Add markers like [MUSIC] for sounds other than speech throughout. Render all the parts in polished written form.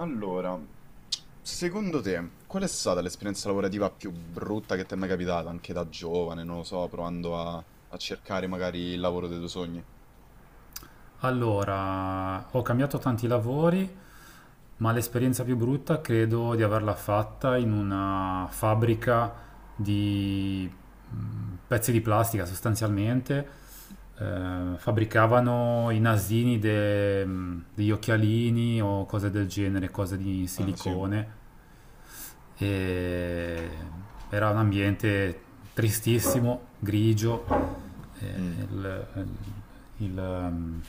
Allora, secondo te, qual è stata l'esperienza lavorativa più brutta che ti è mai capitata, anche da giovane, non lo so, provando a cercare magari il lavoro dei tuoi sogni? Allora, ho cambiato tanti lavori, ma l'esperienza più brutta credo di averla fatta in una fabbrica di pezzi di plastica sostanzialmente. Fabbricavano i nasini degli occhialini o cose del genere, cose di Ah, sì. silicone. E era un ambiente tristissimo, grigio. eh, Mm. il- il- il-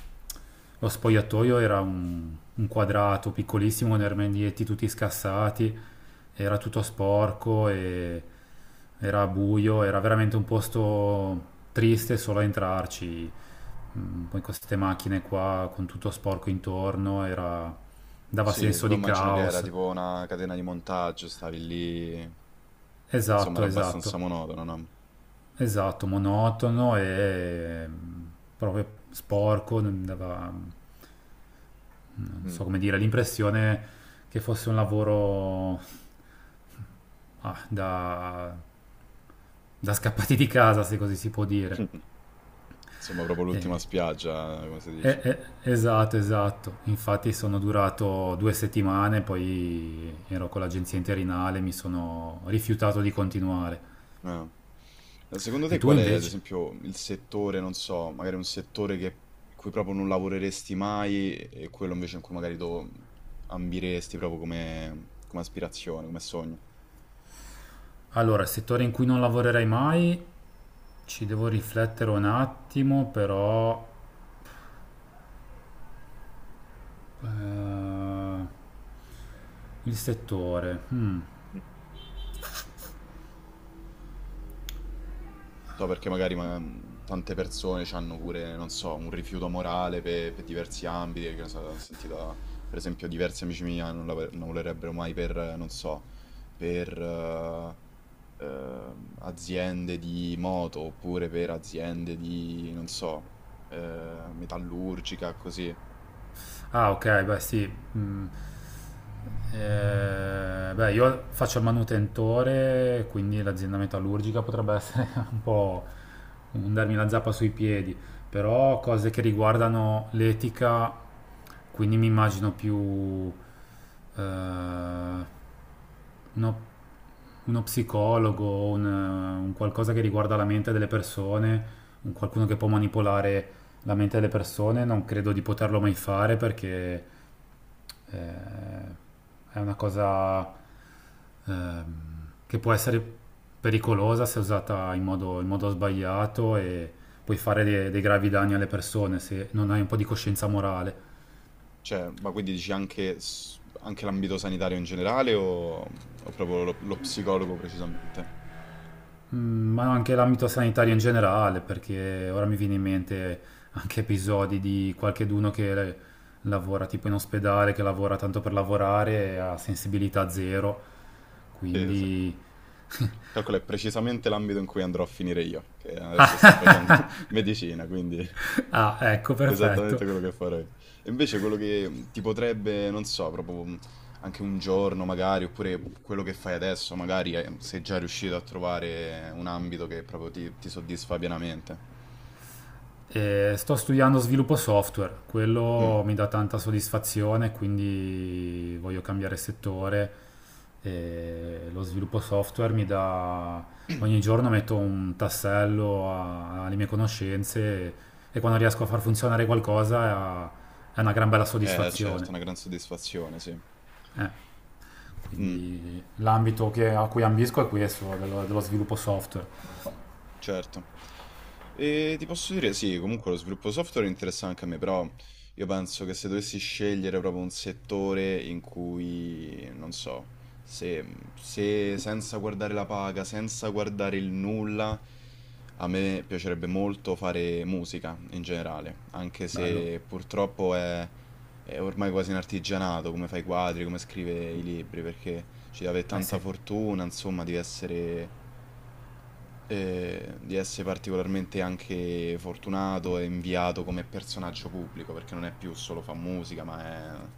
lo spogliatoio era un quadrato piccolissimo con i armadietti tutti scassati. Era tutto sporco, e era buio, era veramente un posto triste solo a entrarci. Poi con queste macchine qua, con tutto sporco intorno, dava Sì, sì, senso poi di immagino che era caos. tipo una catena di montaggio, stavi lì, insomma, Esatto, era esatto, abbastanza monotono, no? esatto, monotono e proprio sporco. Non dava, non Mm. so come dire, l'impressione che fosse un lavoro ah, da, da scappati di casa, se così si può dire. [LAUGHS] Insomma, proprio l'ultima E spiaggia, come si Eh, dice. eh, esatto, esatto. Infatti sono durato 2 settimane, poi ero con l'agenzia interinale, mi sono rifiutato di continuare. Ah. Secondo E te tu qual è, ad invece? esempio, il settore, non so, magari un settore che, in cui proprio non lavoreresti mai e quello invece in cui magari tu ambiresti proprio come, come aspirazione, come sogno? Allora, settore in cui non lavorerai mai, ci devo riflettere un attimo, eh, il settore. Hmm. So perché magari tante persone hanno pure, non so, un rifiuto morale per diversi ambiti, che ne so, ho sentito, per esempio, diversi amici miei non, non lavorerebbero mai per, non so, per, aziende di moto oppure per aziende di, non so, metallurgica, così. Ah, ok, beh, sì. Mm. Beh, io faccio il manutentore, quindi l'azienda metallurgica potrebbe essere [LAUGHS] un po' un darmi la zappa sui piedi, però cose che riguardano l'etica. Quindi mi immagino più, eh, uno, uno psicologo, un qualcosa che riguarda la mente delle persone, un qualcuno che può manipolare la mente delle persone. Non credo di poterlo mai fare, perché è una cosa ehm, che può essere pericolosa se usata in modo sbagliato, e puoi fare dei gravi danni alle persone se non hai un po' di coscienza morale. Cioè, ma quindi dici anche, anche l'ambito sanitario in generale o proprio lo, lo psicologo precisamente? Ma anche l'ambito sanitario in generale, perché ora mi viene in mente anche episodi di qualcheduno che lavora tipo in ospedale, che lavora tanto per lavorare e ha sensibilità zero, Sì, sì, sì. quindi... [LAUGHS] Calcola, è precisamente l'ambito in cui andrò a finire io, che adesso sto facendo [LAUGHS] medicina, quindi Ah, [LAUGHS] ecco, esattamente perfetto. quello che farei. E invece quello che ti potrebbe, non so, proprio anche un giorno magari, oppure quello che fai adesso, magari sei già riuscito a trovare un ambito che proprio ti soddisfa pienamente. E sto studiando sviluppo software, Mm, quello mi dà tanta soddisfazione, quindi voglio cambiare settore. E lo sviluppo software mi dà... Ogni giorno metto un tassello alle mie conoscenze, e quando riesco a far funzionare qualcosa è una gran bella certo, è soddisfazione. una gran soddisfazione, sì. Eh, Mm. quindi l'ambito a cui ambisco è questo, dello sviluppo software. Certo. E ti posso dire, sì, comunque lo sviluppo software interessa anche a me, però io penso che se dovessi scegliere proprio un settore in cui, non so, se, se senza guardare la paga, senza guardare il nulla, a me piacerebbe molto fare musica in generale, anche Bello, se purtroppo è ormai quasi un artigianato, come fa i quadri, come scrive i libri, perché ci deve eh tanta sì, fortuna, insomma, di essere particolarmente anche fortunato e inviato come personaggio pubblico, perché non è più solo fa musica, ma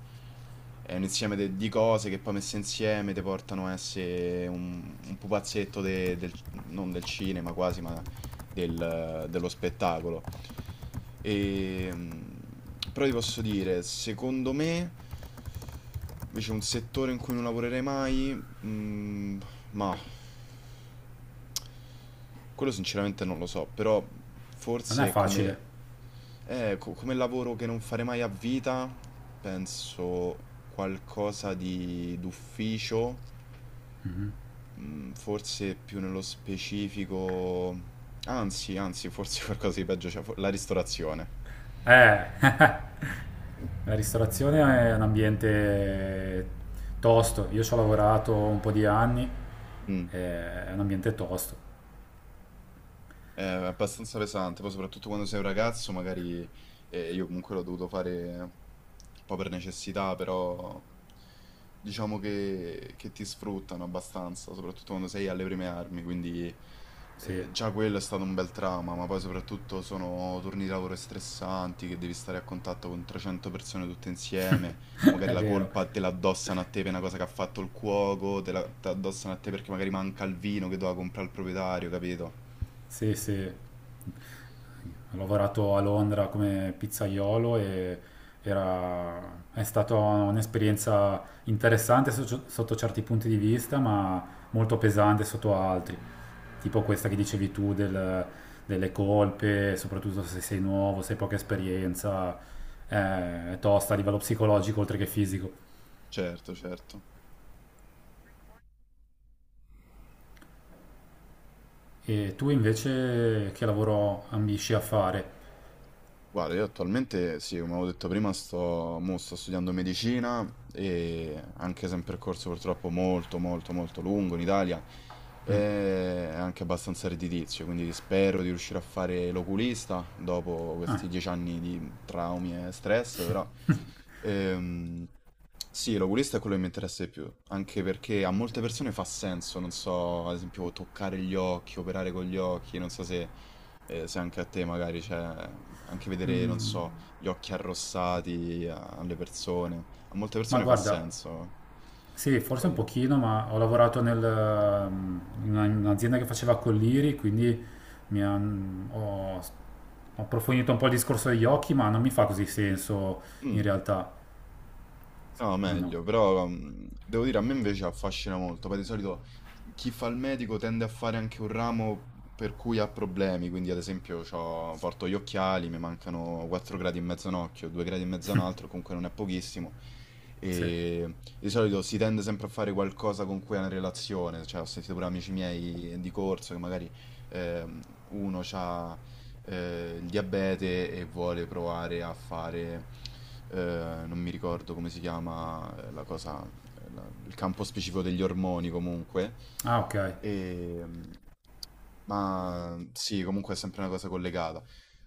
è un insieme di cose che poi messe insieme ti portano a essere un pupazzetto del, non del cinema quasi, ma dello spettacolo. E, mm, però ti posso dire, secondo me, invece un settore in cui non lavorerei mai, mm, ma quello sinceramente non lo so, però non è forse come, facile. Come lavoro che non farei mai a vita, penso qualcosa di d'ufficio, mm, forse più nello specifico, anzi, forse [LAUGHS] qualcosa di peggio, cioè la ristorazione. Eh, [LAUGHS] la ristorazione è un ambiente tosto. Io ci ho lavorato un po' di anni, Mm. È un ambiente tosto. È abbastanza pesante, poi soprattutto quando sei un ragazzo, magari io comunque l'ho dovuto fare un po' per necessità, però diciamo che ti sfruttano abbastanza, soprattutto quando sei alle prime armi, quindi Sì, [LAUGHS] già quello è stato un bel trauma, ma poi soprattutto sono turni di lavoro stressanti, che devi stare a contatto con 300 persone tutte insieme, poi magari è la vero. colpa te la addossano a te per una cosa che ha fatto il cuoco, te la addossano a te perché magari manca il vino che doveva comprare il proprietario, capito? Sì, sì. Ho lavorato a Londra come pizzaiolo, e è stata un'esperienza interessante sotto certi punti di vista, ma molto pesante sotto altri. Tipo questa che dicevi tu delle colpe, soprattutto se sei nuovo, se hai poca esperienza, è tosta a livello psicologico oltre che fisico. Certo, certo. E tu invece che lavoro ambisci a fare? Guarda, io attualmente, sì, come avevo detto prima, sto, mo sto studiando medicina e anche se è un percorso purtroppo molto, molto, molto lungo in Italia e anche abbastanza redditizio, quindi spero di riuscire a fare l'oculista dopo questi 10 anni di traumi e stress, però ehm, sì, l'oculista è quello che mi interessa di più, anche perché a molte persone fa senso, non so, ad esempio toccare gli occhi, operare con gli occhi, non so se eh, se anche a te magari c'è, anche vedere, non so, gli occhi arrossati alle persone, a molte Ma persone fa guarda, senso. sì, forse un Poi... pochino, ma ho lavorato in un'azienda che faceva colliri, quindi ho approfondito un po' il discorso degli occhi, ma non mi fa così senso in Mm. realtà. No, No, no, meglio, però devo dire, a me invece affascina molto, poi di solito chi fa il medico tende a fare anche un ramo per cui ha problemi, quindi ad esempio porto gli occhiali, mi mancano 4 gradi e mezzo a un occhio, 2 gradi e mezzo a un altro, comunque non è pochissimo, sì. e di solito si tende sempre a fare qualcosa con cui ha una relazione, cioè ho sentito pure amici miei di corso che magari ehm, uno ha il diabete e vuole provare a fare, eh, non mi ricordo come si chiama la cosa, il campo specifico degli ormoni comunque. Ah, ok, E, ma sì, comunque è sempre una cosa collegata.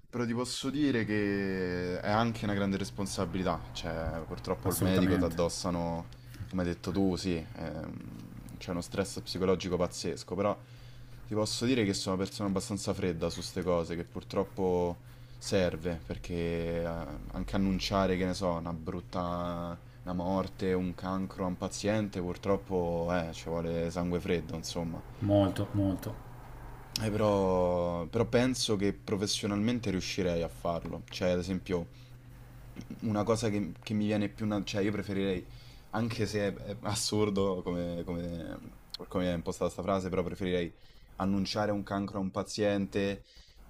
Però ti posso dire che è anche una grande responsabilità, cioè purtroppo il medico ti assolutamente. addossano come hai detto tu, sì, c'è uno stress psicologico pazzesco, però ti posso dire che sono una persona abbastanza fredda su queste cose, che purtroppo serve, perché eh, anche annunciare, che ne so, una brutta, una morte, un cancro a un paziente, purtroppo ci vuole sangue freddo, insomma. Molto, molto. Però penso che professionalmente riuscirei a farlo, cioè ad esempio una cosa che mi viene più... cioè io preferirei, anche se è, è assurdo come, come, come è impostata sta frase, però preferirei annunciare un cancro a un paziente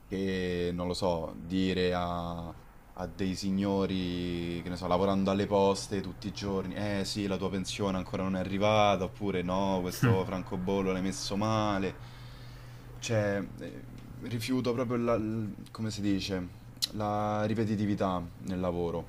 che, non lo so, dire a, a dei signori, che ne so, lavorando alle poste tutti i giorni, eh sì, la tua pensione ancora non è arrivata, oppure no, questo francobollo l'hai messo male. Cioè, rifiuto proprio la, come si dice? La ripetitività nel lavoro,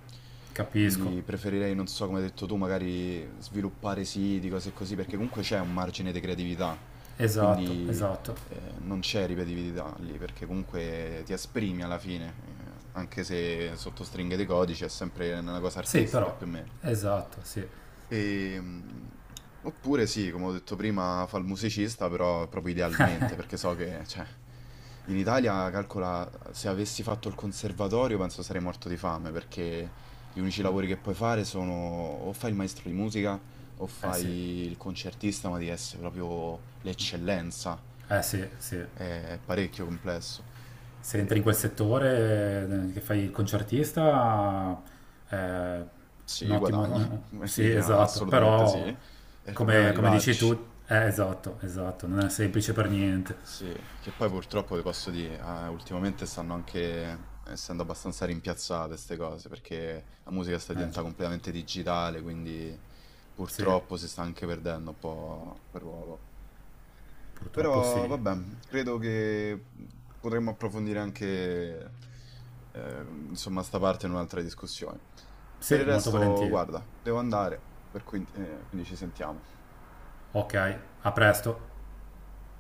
Capisco. quindi preferirei, non so come hai detto tu, magari sviluppare siti, cose così, perché comunque c'è un margine di creatività, Esatto, quindi esatto. Non c'è ripetitività lì, perché comunque ti esprimi alla fine, anche se sotto stringhe di codice è sempre una cosa Sì, artistica però. più o meno. Esatto, sì. Ehm, oppure sì, come ho detto prima, fa il musicista, però proprio idealmente, perché so che, cioè, in Italia, calcola, se avessi fatto il conservatorio penso sarei morto di fame, perché gli unici lavori che puoi fare sono o fai il maestro di musica o Eh sì. fai il concertista, ma devi essere proprio l'eccellenza. Eh sì, sì. È è parecchio complesso. Se entri in quel Ehm, settore, che fai il concertista, eh, sì, guadagni, [LAUGHS] Sì, quelli esatto. assolutamente sì. Però, E il problema è come dici tu, arrivarci. Esatto, esatto. Non è semplice per niente. Sì, che poi purtroppo vi posso dire, ah, ultimamente stanno anche essendo abbastanza rimpiazzate queste cose, perché la musica sta Eh, gi- diventando completamente digitale, quindi sì, purtroppo si sta anche perdendo un po' quel ruolo. purtroppo Però sì. vabbè, credo che potremmo approfondire anche insomma sta parte in un'altra discussione. Per Sì, il molto resto, volentieri. guarda, devo andare, per cui, quindi ci sentiamo. Ok, a presto.